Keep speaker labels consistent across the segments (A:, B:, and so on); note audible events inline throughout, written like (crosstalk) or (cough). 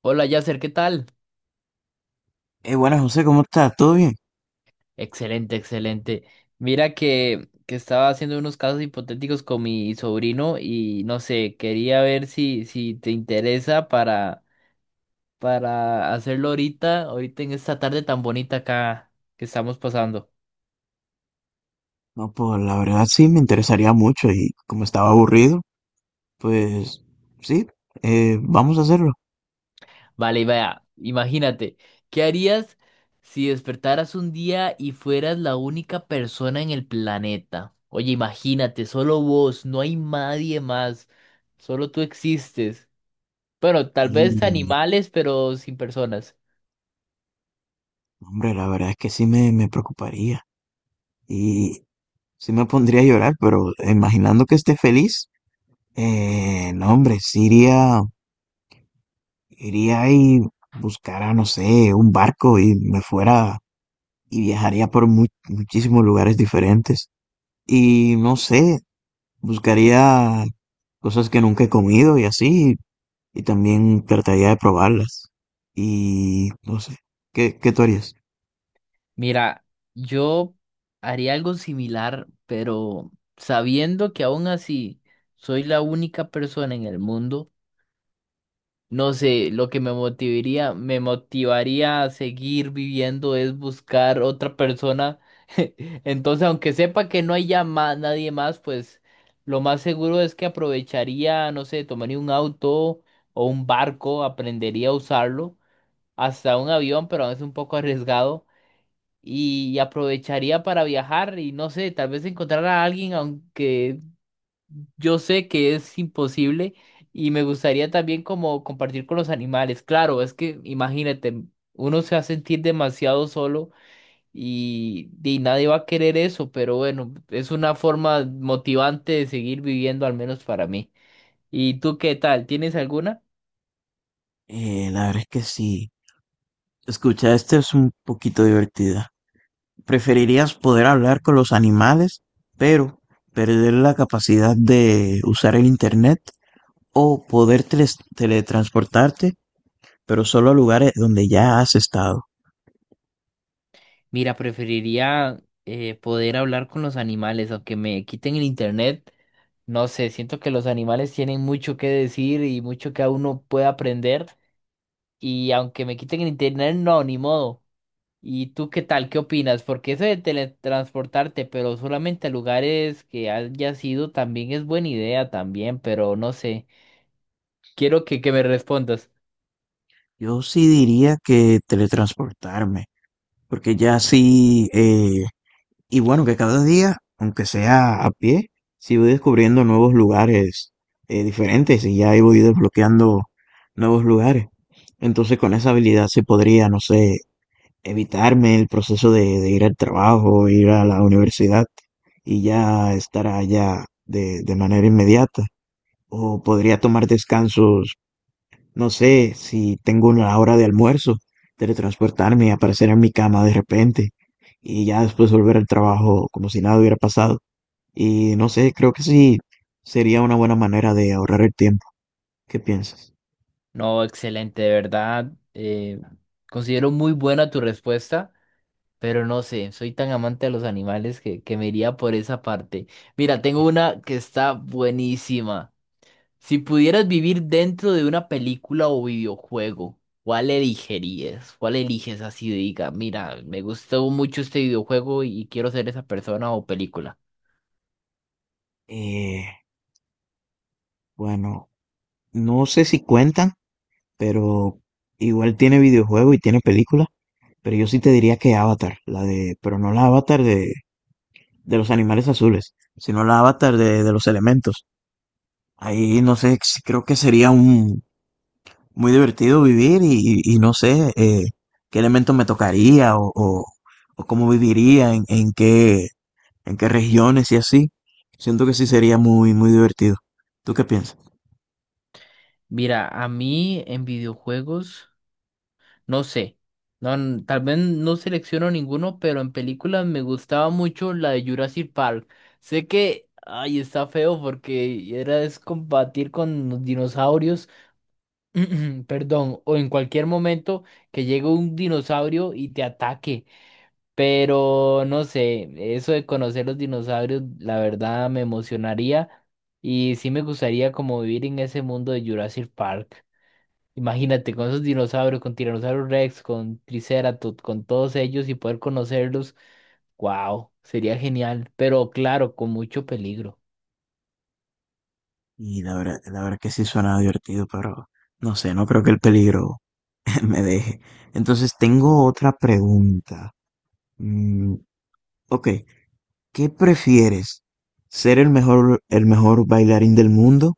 A: Hola Yasser, ¿qué tal?
B: Buenas, José, ¿cómo estás? ¿Todo bien?
A: Excelente, excelente. Mira que estaba haciendo unos casos hipotéticos con mi sobrino y no sé, quería ver si te interesa para hacerlo ahorita, ahorita en esta tarde tan bonita acá que estamos pasando.
B: No, pues la verdad sí me interesaría mucho y como estaba aburrido, pues sí, vamos a hacerlo.
A: Vale, y vea, imagínate, ¿qué harías si despertaras un día y fueras la única persona en el planeta? Oye, imagínate, solo vos, no hay nadie más, solo tú existes. Bueno, tal vez
B: Y,
A: animales, pero sin personas.
B: hombre, la verdad es que sí me preocuparía y sí me pondría a llorar, pero imaginando que esté feliz, no, hombre, sí iría, iría y buscara, no sé, un barco y me fuera y viajaría por muchísimos lugares diferentes. Y no sé, buscaría cosas que nunca he comido y así, y también trataría de probarlas. Y no sé, ¿qué tú harías?
A: Mira, yo haría algo similar, pero sabiendo que aún así soy la única persona en el mundo, no sé, lo que me motivaría a seguir viviendo es buscar otra persona. (laughs) Entonces, aunque sepa que no hay ya nadie más, pues lo más seguro es que aprovecharía, no sé, tomaría un auto o un barco, aprendería a usarlo hasta un avión, pero es un poco arriesgado. Y aprovecharía para viajar y no sé, tal vez encontrar a alguien, aunque yo sé que es imposible. Y me gustaría también como compartir con los animales. Claro, es que imagínate, uno se va a sentir demasiado solo y nadie va a querer eso, pero bueno, es una forma motivante de seguir viviendo, al menos para mí. ¿Y tú qué tal? ¿Tienes alguna?
B: La verdad es que sí. Escucha, esta es un poquito divertida. ¿Preferirías poder hablar con los animales, pero perder la capacidad de usar el internet o poder teletransportarte, pero solo a lugares donde ya has estado?
A: Mira, preferiría poder hablar con los animales, aunque me quiten el internet. No sé, siento que los animales tienen mucho que decir y mucho que a uno puede aprender. Y aunque me quiten el internet, no, ni modo. ¿Y tú qué tal? ¿Qué opinas? Porque eso de teletransportarte, pero solamente a lugares que hayas ido, también es buena idea también, pero no sé. Quiero que me respondas.
B: Yo sí diría que teletransportarme, porque ya sí, y bueno, que cada día, aunque sea a pie, sí voy descubriendo nuevos lugares diferentes, y ya ahí voy desbloqueando nuevos lugares. Entonces con esa habilidad se podría, no sé, evitarme el proceso de ir al trabajo, ir a la universidad y ya estar allá de manera inmediata. O podría tomar descansos, no sé, si tengo una hora de almuerzo, teletransportarme y aparecer en mi cama de repente y ya después volver al trabajo como si nada hubiera pasado. Y no sé, creo que sí sería una buena manera de ahorrar el tiempo. ¿Qué piensas?
A: No, excelente, de verdad. Considero muy buena tu respuesta. Pero no sé, soy tan amante de los animales que me iría por esa parte. Mira, tengo una que está buenísima. Si pudieras vivir dentro de una película o videojuego, ¿cuál elegirías? ¿Cuál eliges así? Diga, mira, me gustó mucho este videojuego y quiero ser esa persona o película.
B: Eh, bueno, no sé si cuentan, pero igual tiene videojuego y tiene película, pero yo sí te diría que Avatar, la de, pero no la Avatar de los animales azules, sino la Avatar de los elementos. Ahí no sé, creo que sería un, muy divertido vivir y, y no sé, qué elemento me tocaría, o cómo viviría, en qué regiones y así. Siento que sí sería muy, muy divertido. ¿Tú qué piensas?
A: Mira, a mí en videojuegos. No sé. No, tal vez no selecciono ninguno, pero en películas me gustaba mucho la de Jurassic Park. Sé que, ay, está feo porque era es combatir con los dinosaurios, (clears throat) perdón, o en cualquier momento que llegue un dinosaurio y te ataque. Pero no sé, eso de conocer los dinosaurios, la verdad me emocionaría y sí me gustaría como vivir en ese mundo de Jurassic Park. Imagínate con esos dinosaurios, con Tyrannosaurus Rex, con Triceratops, con todos ellos y poder conocerlos. Wow, sería genial, pero claro, con mucho peligro.
B: Y la verdad que sí suena divertido, pero no sé, no creo que el peligro (laughs) me deje. Entonces tengo otra pregunta. Mm, ok, ¿qué prefieres? ¿Ser el mejor bailarín del mundo,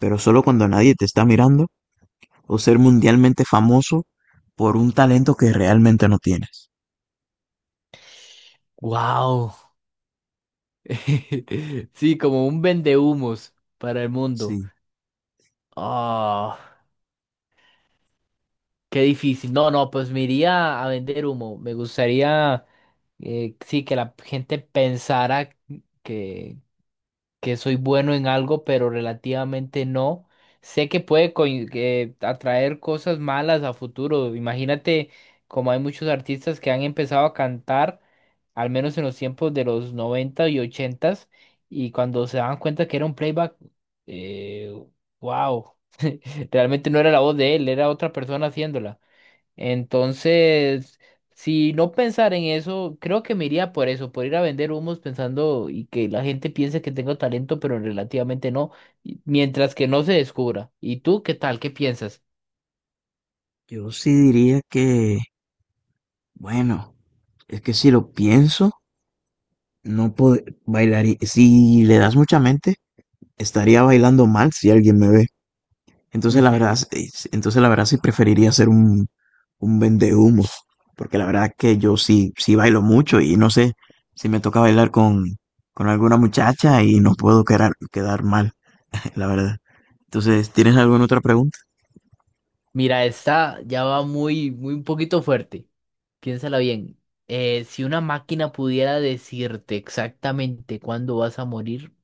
B: pero solo cuando nadie te está mirando, o ser mundialmente famoso por un talento que realmente no tienes?
A: Wow. (laughs) Sí, como un vendehumos para el mundo.
B: Sí,
A: Ah, qué difícil. No, no, pues me iría a vender humo. Me gustaría sí, que la gente pensara que que soy bueno en algo, pero relativamente no. Sé que puede coin- que atraer cosas malas a futuro. Imagínate, como hay muchos artistas que han empezado a cantar, al menos en los tiempos de los 90 y 80 y cuando se dan cuenta que era un playback, eh, wow, realmente no era la voz de él, era otra persona haciéndola. Entonces, si no pensar en eso, creo que me iría por eso, por ir a vender humos pensando y que la gente piense que tengo talento, pero relativamente no, mientras que no se descubra. ¿Y tú qué tal? ¿Qué piensas?
B: yo sí diría que, bueno, es que si lo pienso, no puedo bailar. Si le das mucha mente, estaría bailando mal si alguien me ve. Entonces la verdad,
A: Ujú.
B: entonces la verdad sí preferiría ser un vendehumos, porque la verdad que yo sí, sí bailo mucho y no sé si me toca bailar con alguna muchacha y no puedo quedar mal. La verdad. Entonces, ¿tienes alguna otra pregunta?
A: Mira, esta ya va muy, muy un poquito fuerte. Piénsala bien. Si una máquina pudiera decirte exactamente cuándo vas a morir,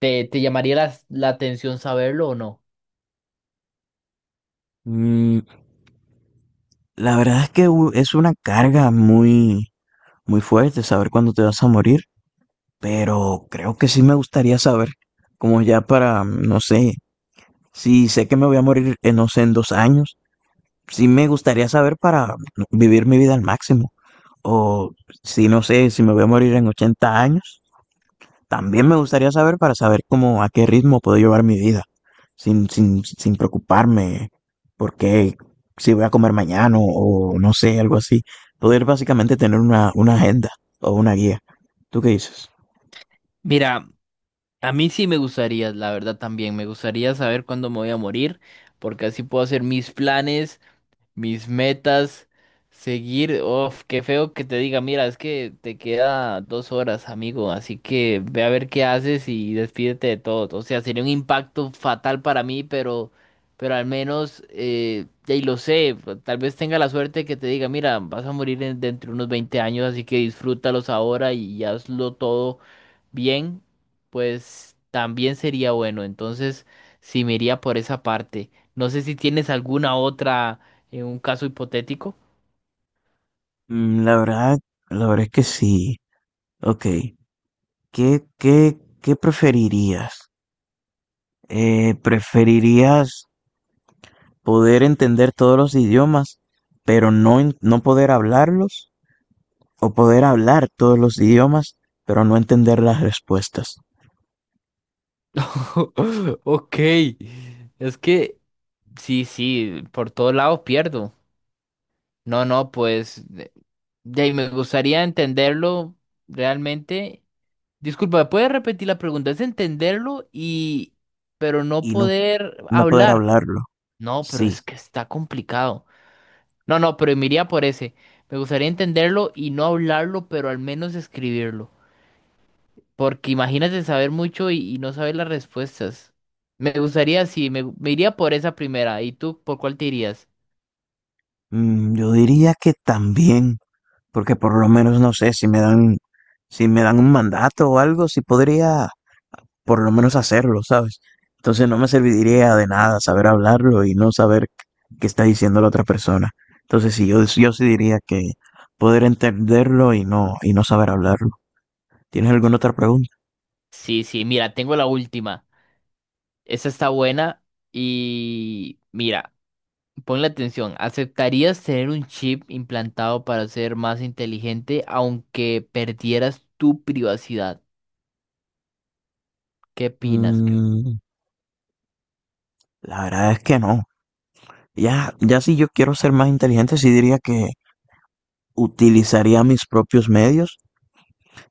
A: ¿te llamaría la atención saberlo o no?
B: Mm, la verdad es que es una carga muy, muy fuerte saber cuándo te vas a morir, pero creo que sí me gustaría saber, como ya para, no sé, si sé que me voy a morir en, no sé, en 2 años. Sí me gustaría saber para vivir mi vida al máximo. O si no sé, si me voy a morir en 80 años, también me gustaría saber para saber cómo, a qué ritmo puedo llevar mi vida, sin preocuparme por qué, si voy a comer mañana o no sé, algo así. Poder básicamente tener una agenda o una guía. ¿Tú qué dices?
A: Mira, a mí sí me gustaría, la verdad también, me gustaría saber cuándo me voy a morir, porque así puedo hacer mis planes, mis metas, seguir, uf, qué feo que te diga, mira, es que te queda 2 horas, amigo, así que ve a ver qué haces y despídete de todo. O sea, sería un impacto fatal para mí, pero al menos, ya y lo sé, pues, tal vez tenga la suerte que te diga, mira, vas a morir dentro de unos 20 años, así que disfrútalos ahora y hazlo todo bien, pues también sería bueno. Entonces, sí me iría por esa parte. No sé si tienes alguna otra en un caso hipotético.
B: Mm, la verdad, la verdad es que sí. Ok. ¿Qué preferirías? ¿Preferirías poder entender todos los idiomas, pero no poder hablarlos, o poder hablar todos los idiomas, pero no entender las respuestas
A: (laughs) Ok, es que sí, sí, por todos lados pierdo. No, no, pues de ahí me gustaría entenderlo realmente. Disculpa, ¿puedes repetir la pregunta? Es entenderlo y, pero no
B: y no,
A: poder
B: no poder
A: hablar.
B: hablarlo?
A: No, pero es
B: Sí.
A: que está complicado. No, no, pero me iría por ese. Me gustaría entenderlo y no hablarlo, pero al menos escribirlo. Porque imagínate saber mucho y no saber las respuestas. Me gustaría, sí, me iría por esa primera. ¿Y tú por cuál te irías?
B: Mm, yo diría que también, porque por lo menos no sé si me dan, si me dan un mandato o algo, si podría por lo menos hacerlo, ¿sabes? Entonces no me serviría de nada saber hablarlo y no saber qué está diciendo la otra persona. Entonces sí, yo sí diría que poder entenderlo y no saber hablarlo. ¿Tienes alguna otra pregunta?
A: Sí, sí, mira, tengo la última. Esa está buena y mira, ponle atención. ¿Aceptarías tener un chip implantado para ser más inteligente aunque perdieras tu privacidad? ¿Qué opinas?
B: Mm, la verdad es que no. Ya, ya si yo quiero ser más inteligente, sí diría que utilizaría mis propios medios,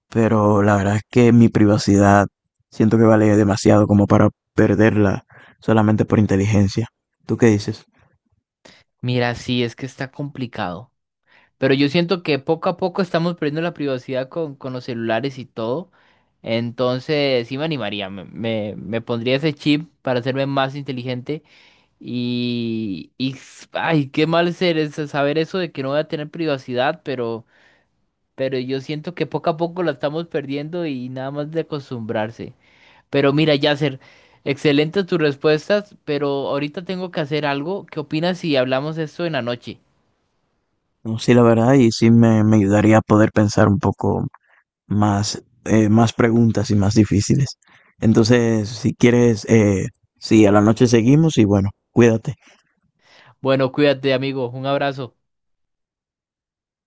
B: pero la verdad es que mi privacidad siento que vale demasiado como para perderla solamente por inteligencia. ¿Tú qué dices?
A: Mira, sí, es que está complicado. Pero yo siento que poco a poco estamos perdiendo la privacidad con los celulares y todo. Entonces, sí me animaría, me pondría ese chip para hacerme más inteligente. Y, ay, qué mal ser eso, saber eso de que no voy a tener privacidad, pero yo siento que poco a poco la estamos perdiendo y nada más de acostumbrarse. Pero mira, Yasser, excelentes tus respuestas, pero ahorita tengo que hacer algo. ¿Qué opinas si hablamos esto en la noche?
B: No, sí, la verdad, y sí me ayudaría a poder pensar un poco más, más preguntas y más difíciles. Entonces, si quieres, sí, a la noche seguimos y bueno, cuídate.
A: Bueno, cuídate, amigo. Un abrazo.